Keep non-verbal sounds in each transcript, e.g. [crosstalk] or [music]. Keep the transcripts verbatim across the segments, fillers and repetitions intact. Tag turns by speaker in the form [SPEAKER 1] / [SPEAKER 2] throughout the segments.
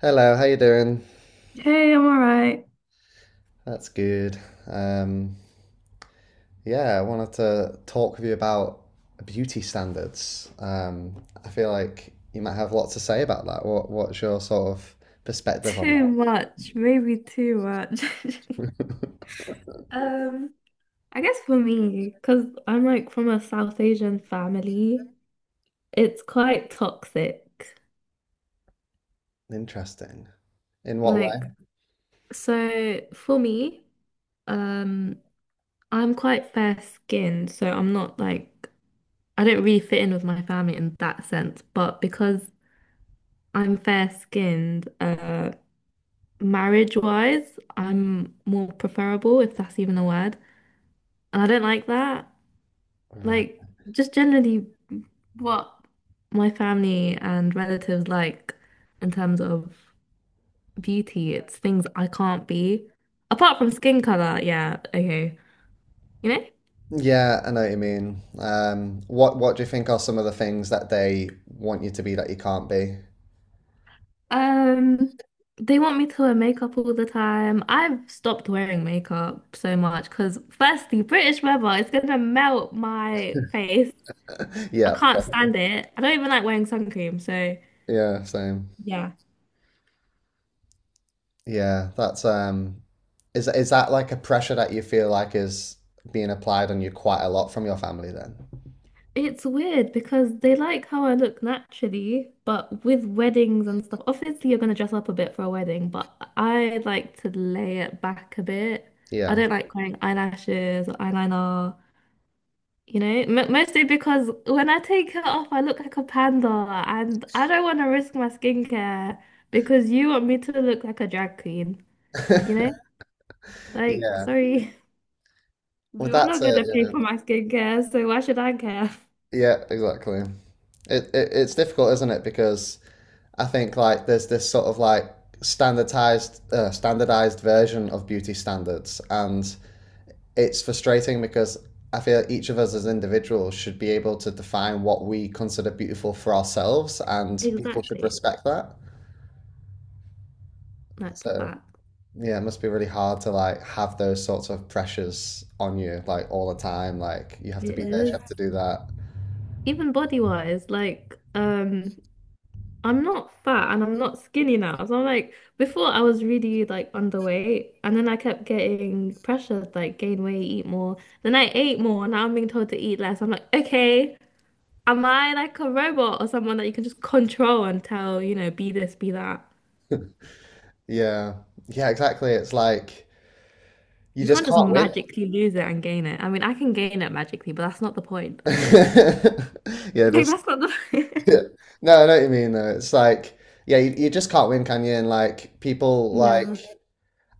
[SPEAKER 1] Hello, how you doing?
[SPEAKER 2] Hey, I'm all right.
[SPEAKER 1] That's good. Um, yeah, I wanted to talk with you about beauty standards. Um, I feel like you might have lots to say about that. What what's your sort of perspective on
[SPEAKER 2] Too
[SPEAKER 1] that?
[SPEAKER 2] much, maybe too much. [laughs] Um, I guess for me, because I'm like from a South Asian family, it's quite toxic.
[SPEAKER 1] Interesting. In what way?
[SPEAKER 2] Like, so for me, um, I'm quite fair skinned, so I'm not like, I don't really fit in with my family in that sense. But because I'm fair skinned, uh, marriage wise, I'm more preferable, if that's even a word. And I don't like that.
[SPEAKER 1] Right.
[SPEAKER 2] Like just generally what my family and relatives like in terms of beauty, it's things I can't be. Apart from skin color, yeah, okay. You know?
[SPEAKER 1] Yeah, I know what you mean. Um, what what do you think are some of the things that they want you to be that you can't be?
[SPEAKER 2] Um, they want me to wear makeup all the time. I've stopped wearing makeup so much because firstly, British weather is gonna melt my face.
[SPEAKER 1] [laughs]
[SPEAKER 2] I
[SPEAKER 1] Yeah,
[SPEAKER 2] can't stand it. I don't even like wearing sun cream, so
[SPEAKER 1] yeah, same.
[SPEAKER 2] yeah.
[SPEAKER 1] Yeah, that's um is is that like a pressure that you feel like is being applied on you quite a lot from your family then?
[SPEAKER 2] It's weird because they like how I look naturally, but with weddings and stuff, obviously you're gonna dress up a bit for a wedding, but I like to lay it back a bit. I
[SPEAKER 1] Yeah.
[SPEAKER 2] don't like wearing eyelashes or eyeliner, you know, M mostly because when I take it off, I look like a panda, and I don't want to risk my skincare because you want me to look like a drag queen, you know?
[SPEAKER 1] [laughs]
[SPEAKER 2] Like,
[SPEAKER 1] Yeah.
[SPEAKER 2] sorry, [laughs]
[SPEAKER 1] Well,
[SPEAKER 2] you're
[SPEAKER 1] that's
[SPEAKER 2] not
[SPEAKER 1] it,
[SPEAKER 2] gonna pay
[SPEAKER 1] yeah.
[SPEAKER 2] for my skincare, so why should I care?
[SPEAKER 1] Yeah, exactly. It, it it's difficult, isn't it? Because I think like there's this sort of like standardized uh, standardized version of beauty standards, and it's frustrating because I feel each of us as individuals should be able to define what we consider beautiful for ourselves,
[SPEAKER 2] [laughs]
[SPEAKER 1] and people should
[SPEAKER 2] Exactly.
[SPEAKER 1] respect that.
[SPEAKER 2] That's
[SPEAKER 1] So
[SPEAKER 2] facts.
[SPEAKER 1] yeah, it must be really hard to like have those sorts of pressures on you like all the time. Like you have to
[SPEAKER 2] It
[SPEAKER 1] be this, you
[SPEAKER 2] is.
[SPEAKER 1] have to do that.
[SPEAKER 2] Even body wise, like um I'm not fat and I'm not skinny now. So I'm like before I was really like underweight, and then I kept getting pressured like gain weight, eat more. Then I ate more, and now I'm being told to eat less. I'm like, okay, am I like a robot or someone that you can just control and tell, you know, be this, be that?
[SPEAKER 1] Yeah, yeah, exactly. It's like you
[SPEAKER 2] You can't
[SPEAKER 1] just
[SPEAKER 2] just
[SPEAKER 1] can't win.
[SPEAKER 2] magically lose it and gain it. I mean, I can gain it magically, but that's not the point. [laughs]
[SPEAKER 1] [laughs] Yeah,
[SPEAKER 2] Like
[SPEAKER 1] just
[SPEAKER 2] that's not the
[SPEAKER 1] yeah. No, I know what you mean though. It's like yeah, you, you just can't win, can you? And like
[SPEAKER 2] [laughs]
[SPEAKER 1] people like
[SPEAKER 2] Yeah.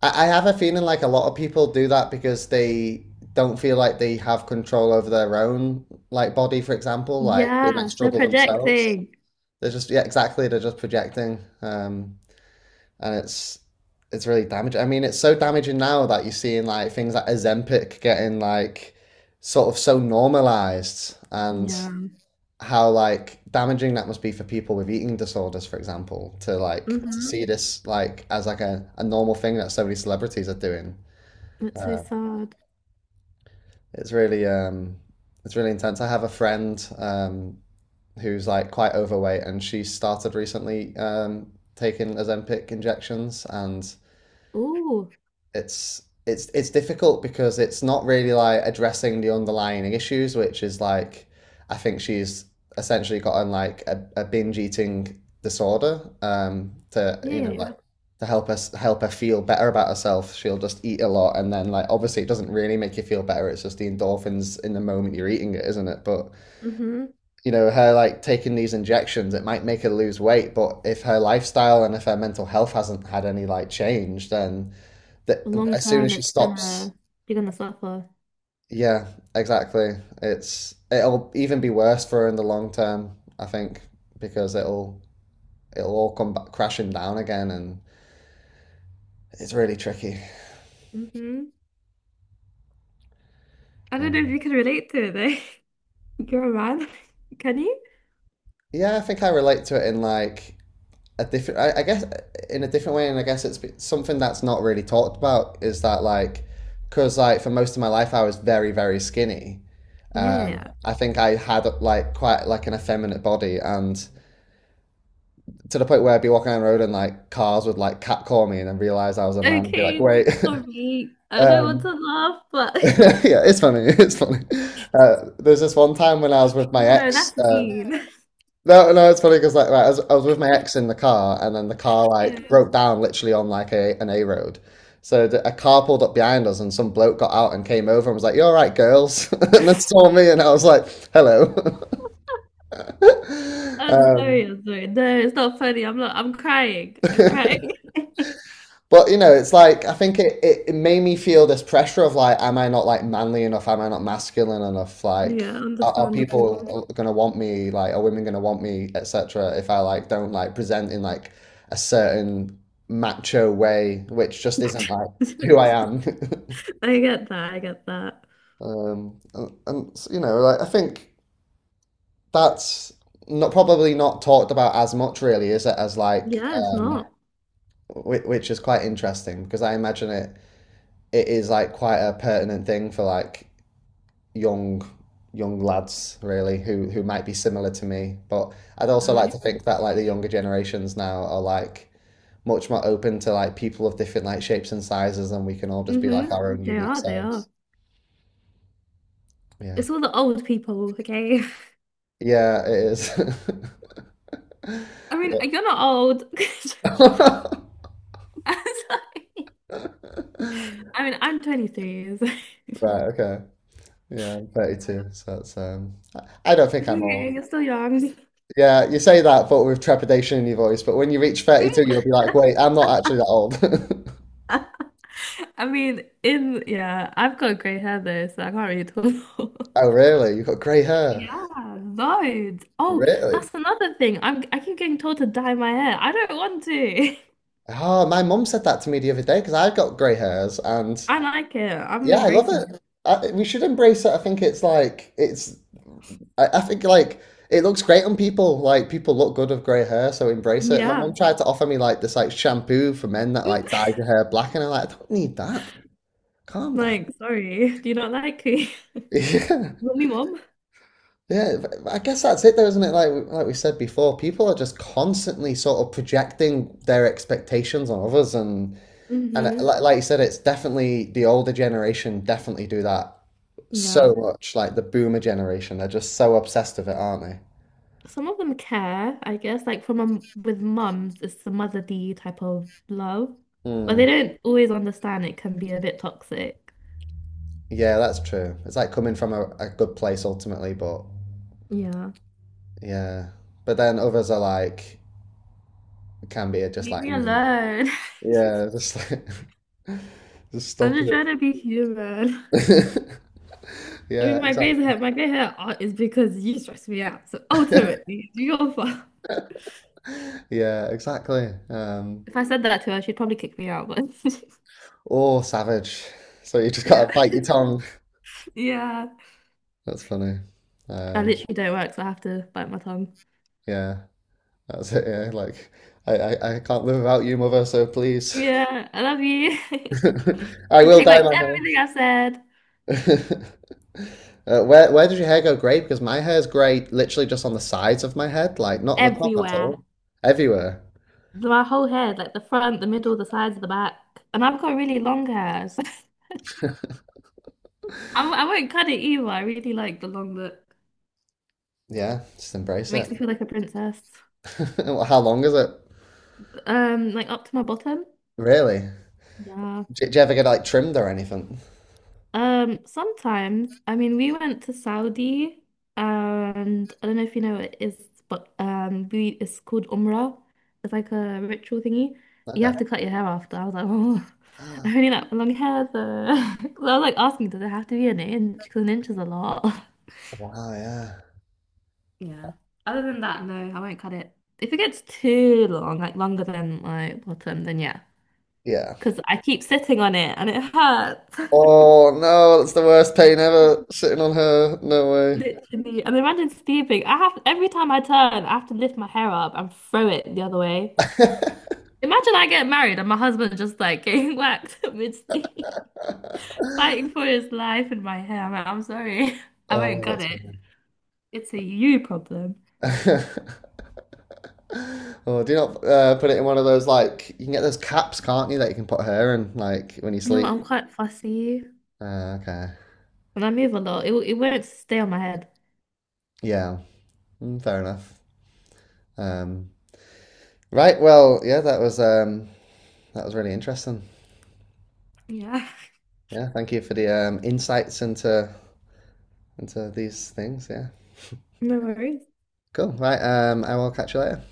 [SPEAKER 1] I, I have a feeling like a lot of people do that because they don't feel like they have control over their own like body, for example. Like they might
[SPEAKER 2] Yeah, they're
[SPEAKER 1] struggle themselves.
[SPEAKER 2] projecting.
[SPEAKER 1] They're just yeah, exactly. They're just projecting, um, and it's it's really damaging. I mean, it's so damaging now that you're seeing like things like Ozempic getting like sort of so normalized, and
[SPEAKER 2] Yeah.
[SPEAKER 1] how like damaging that must be for people with eating disorders, for example, to like to
[SPEAKER 2] Mm-hmm.
[SPEAKER 1] see this like as like a, a normal thing that so many celebrities are doing.
[SPEAKER 2] That's so
[SPEAKER 1] Uh,
[SPEAKER 2] sad.
[SPEAKER 1] it's really um, it's really intense. I have a friend um, who's like quite overweight, and she started recently um, taking Ozempic injections, and
[SPEAKER 2] Oh,
[SPEAKER 1] it's it's it's difficult because it's not really like addressing the underlying issues, which is like I think she's essentially gotten like a, a binge eating disorder um, to
[SPEAKER 2] yeah,
[SPEAKER 1] you
[SPEAKER 2] yeah,
[SPEAKER 1] know like
[SPEAKER 2] yeah.
[SPEAKER 1] to help us help her feel better about herself. She'll just eat a lot, and then like obviously it doesn't really make you feel better. It's just the endorphins in the moment you're eating it, isn't it? But
[SPEAKER 2] Mm-hmm.
[SPEAKER 1] you know, her like taking these injections, it might make her lose weight, but if her lifestyle and if her mental health hasn't had any like change, then that
[SPEAKER 2] Long
[SPEAKER 1] as soon as
[SPEAKER 2] term,
[SPEAKER 1] she
[SPEAKER 2] it's
[SPEAKER 1] stops,
[SPEAKER 2] gonna you're gonna suffer.
[SPEAKER 1] yeah, exactly. It's it'll even be worse for her in the long term, I think, because it'll it'll all come back crashing down again, and it's really tricky.
[SPEAKER 2] Mm-hmm. I
[SPEAKER 1] Yeah,
[SPEAKER 2] don't know if you can relate to it though. [laughs] You're a man. [laughs] Can you?
[SPEAKER 1] yeah, I think I relate to it in like a different I, I guess in a different way, and I guess it's something that's not really talked about, is that like because like for most of my life I was very very skinny.
[SPEAKER 2] Yeah,
[SPEAKER 1] um
[SPEAKER 2] yeah,
[SPEAKER 1] I think I had like quite like an effeminate body, and to the point where I'd be walking down the road and like cars would like catcall me, and then realize I was a
[SPEAKER 2] yeah.
[SPEAKER 1] man and be like
[SPEAKER 2] Okay,
[SPEAKER 1] wait.
[SPEAKER 2] sorry.
[SPEAKER 1] [laughs]
[SPEAKER 2] I don't want
[SPEAKER 1] um
[SPEAKER 2] to laugh, but
[SPEAKER 1] [laughs] yeah, it's funny. [laughs] It's funny. uh, there's this one time when I was with
[SPEAKER 2] [laughs]
[SPEAKER 1] my
[SPEAKER 2] no,
[SPEAKER 1] ex.
[SPEAKER 2] that's
[SPEAKER 1] um
[SPEAKER 2] mean. [laughs]
[SPEAKER 1] No, no, it's funny because like right, I was, I was with my ex in the car, and then the car
[SPEAKER 2] Yeah.
[SPEAKER 1] like broke down literally on like a an A road. So the, a car pulled up behind us, and some bloke got out and came over and was like, "You all right, girls?" [laughs] and then saw me, and I was like, "Hello." [laughs]
[SPEAKER 2] I'm sorry,
[SPEAKER 1] Um,
[SPEAKER 2] I'm sorry. No, it's not funny. I'm not I'm crying. I'm
[SPEAKER 1] [laughs]
[SPEAKER 2] crying. [laughs]
[SPEAKER 1] but you know, it's like I think it, it, it made me feel this pressure of like, am I not like manly enough? Am I not masculine enough? Like,
[SPEAKER 2] Yeah,
[SPEAKER 1] are, are
[SPEAKER 2] understandable.
[SPEAKER 1] people gonna want me? Like, are women gonna want me, et cetera? If I like don't like present in like a certain macho way, which just isn't like who I
[SPEAKER 2] [laughs]
[SPEAKER 1] am. [laughs]
[SPEAKER 2] I get that, I get that.
[SPEAKER 1] Um, and, and you know, like I think that's not probably not talked about as much, really, is it? As like,
[SPEAKER 2] Yeah, it's
[SPEAKER 1] um,
[SPEAKER 2] not.
[SPEAKER 1] which, which is quite interesting because I imagine it it is like quite a pertinent thing for like young young lads, really, who who might be similar to me. But I'd also like
[SPEAKER 2] Right.
[SPEAKER 1] to think that like the younger generations now are like much more open to like people of different like shapes and sizes, and we can all just be
[SPEAKER 2] Hmm.
[SPEAKER 1] like our own
[SPEAKER 2] They
[SPEAKER 1] unique
[SPEAKER 2] are, they are.
[SPEAKER 1] selves. Yeah,
[SPEAKER 2] It's all the old people, okay?
[SPEAKER 1] yeah it is. [laughs]
[SPEAKER 2] [laughs] I mean,
[SPEAKER 1] Yeah.
[SPEAKER 2] you're not old. [laughs] I'm sorry.
[SPEAKER 1] [laughs]
[SPEAKER 2] I mean, I'm twenty-three, so [laughs]
[SPEAKER 1] Right, okay. Yeah, I'm
[SPEAKER 2] Yeah.
[SPEAKER 1] thirty-two, so that's um I I don't think I'm
[SPEAKER 2] Okay, you're
[SPEAKER 1] old.
[SPEAKER 2] still young. [laughs]
[SPEAKER 1] Yeah, you say that, but with trepidation in your voice. But when you reach thirty-two, you'll
[SPEAKER 2] Mm,
[SPEAKER 1] be like, wait, I'm not actually that old. [laughs]
[SPEAKER 2] I mean, in yeah, I've got grey hair though, so I can't really tell.
[SPEAKER 1] Oh,
[SPEAKER 2] [laughs]
[SPEAKER 1] really? You've got grey hair?
[SPEAKER 2] Yeah, loads. Oh,
[SPEAKER 1] Really?
[SPEAKER 2] that's another thing. I'm I keep getting told to dye my hair. I don't want to.
[SPEAKER 1] Oh, my mum said that to me the other day because I've got grey hairs, and
[SPEAKER 2] [laughs] I like it. I'm
[SPEAKER 1] yeah, I love
[SPEAKER 2] embracing it.
[SPEAKER 1] it. I, we should embrace it. I think it's like, it's, I, I think like, it looks great on people. Like, people look good with grey hair, so embrace it. My
[SPEAKER 2] Yeah.
[SPEAKER 1] mum tried to offer me like this like shampoo for men that like dyes
[SPEAKER 2] [laughs]
[SPEAKER 1] your hair black, and I'm like, I don't need that. Calm down.
[SPEAKER 2] Like, sorry. Do you not like me? [laughs]
[SPEAKER 1] [laughs] Yeah.
[SPEAKER 2] Want me, mom?
[SPEAKER 1] Yeah, I guess that's it though, isn't it? Like we- like we said before, people are just constantly sort of projecting their expectations on others, and and yeah,
[SPEAKER 2] Hmm.
[SPEAKER 1] like like you said, it's definitely the older generation definitely do that so
[SPEAKER 2] Yeah.
[SPEAKER 1] much. Like the boomer generation, they're just so obsessed with it, aren't they?
[SPEAKER 2] Some of them care, I guess. Like from a, with mums, it's the motherly type of love. But they
[SPEAKER 1] Mm.
[SPEAKER 2] don't always understand it can be a bit toxic.
[SPEAKER 1] Yeah, that's true. It's like coming from a, a good place ultimately, but
[SPEAKER 2] Yeah.
[SPEAKER 1] yeah, but then others are like can be just
[SPEAKER 2] Leave
[SPEAKER 1] like
[SPEAKER 2] me
[SPEAKER 1] me.
[SPEAKER 2] alone.
[SPEAKER 1] Yeah, just like [laughs] just
[SPEAKER 2] [laughs] I'm
[SPEAKER 1] stop
[SPEAKER 2] just trying to be human.
[SPEAKER 1] it. [laughs]
[SPEAKER 2] I mean,
[SPEAKER 1] Yeah,
[SPEAKER 2] my grey hair, my grey hair are- is because you stress me out. So ultimately, it's your [laughs] fault.
[SPEAKER 1] yeah, exactly. Um,
[SPEAKER 2] If I said that to her, she'd probably kick me out. But [laughs]
[SPEAKER 1] oh, savage. So you just
[SPEAKER 2] Yeah.
[SPEAKER 1] gotta bite your tongue.
[SPEAKER 2] [laughs] Yeah,
[SPEAKER 1] That's funny.
[SPEAKER 2] I
[SPEAKER 1] Um,
[SPEAKER 2] literally don't work, so I have to bite my tongue.
[SPEAKER 1] yeah, that's it. Yeah, like I, I, I can't live without you, mother. So please,
[SPEAKER 2] Yeah, I love you. [laughs]
[SPEAKER 1] [laughs] I
[SPEAKER 2] I
[SPEAKER 1] will
[SPEAKER 2] take
[SPEAKER 1] dye
[SPEAKER 2] back
[SPEAKER 1] my
[SPEAKER 2] everything I said.
[SPEAKER 1] hair. [laughs] Uh, where where does your hair go grey? Because my hair is grey literally just on the sides of my head, like not on the top at
[SPEAKER 2] Everywhere.
[SPEAKER 1] all. Everywhere.
[SPEAKER 2] My whole head, like the front, the middle, the sides, the back. And I've got really long hair. So [laughs] I, I won't cut it either. I really like the long look.
[SPEAKER 1] Yeah, just embrace
[SPEAKER 2] Makes
[SPEAKER 1] it.
[SPEAKER 2] me feel like a princess.
[SPEAKER 1] [laughs] How long is it?
[SPEAKER 2] Um, like up to my bottom.
[SPEAKER 1] Really?
[SPEAKER 2] Yeah.
[SPEAKER 1] Do, do you ever get like trimmed or anything?
[SPEAKER 2] Um, sometimes, I mean, we went to Saudi, and I don't know if you know what it is, but um, we it's called Umrah. It's like a ritual thingy. You
[SPEAKER 1] Okay.
[SPEAKER 2] have to cut your hair after. I was like, oh, [laughs] I really like long hair, so [laughs] I was like asking, does it have to be an inch? Because an inch is a lot. [laughs]
[SPEAKER 1] Wow, yeah.
[SPEAKER 2] Yeah. Other than that, no, I won't cut it. If it gets too long, like longer than my bottom, then yeah,
[SPEAKER 1] Yeah.
[SPEAKER 2] because I keep sitting on it and it hurts. [laughs]
[SPEAKER 1] Oh no, that's the worst pain ever, sitting on her. No way.
[SPEAKER 2] Literally. And imagine sleeping. I have every time I turn, I have to lift my hair up and throw it the other way.
[SPEAKER 1] [laughs]
[SPEAKER 2] Imagine I get married and my husband just like getting [laughs] whacked mid-sleep, fighting for his life in my hair. I'm like, I'm sorry. [laughs] I won't
[SPEAKER 1] Oh,
[SPEAKER 2] cut
[SPEAKER 1] that's
[SPEAKER 2] it. It's a you problem.
[SPEAKER 1] funny. [laughs] Oh, do you not uh, put it in one of those like you can get those caps, can't you, that you can put hair in like when you
[SPEAKER 2] No,
[SPEAKER 1] sleep?
[SPEAKER 2] I'm quite fussy
[SPEAKER 1] Uh, okay.
[SPEAKER 2] and I move a lot. It, it won't stay on my head.
[SPEAKER 1] Yeah. Mm, fair enough. Um, right, well, yeah, that was um that was really interesting.
[SPEAKER 2] Yeah. [laughs]
[SPEAKER 1] Yeah, thank you for the um insights into into these things, yeah.
[SPEAKER 2] No worries.
[SPEAKER 1] Cool. Right, um I will catch you later.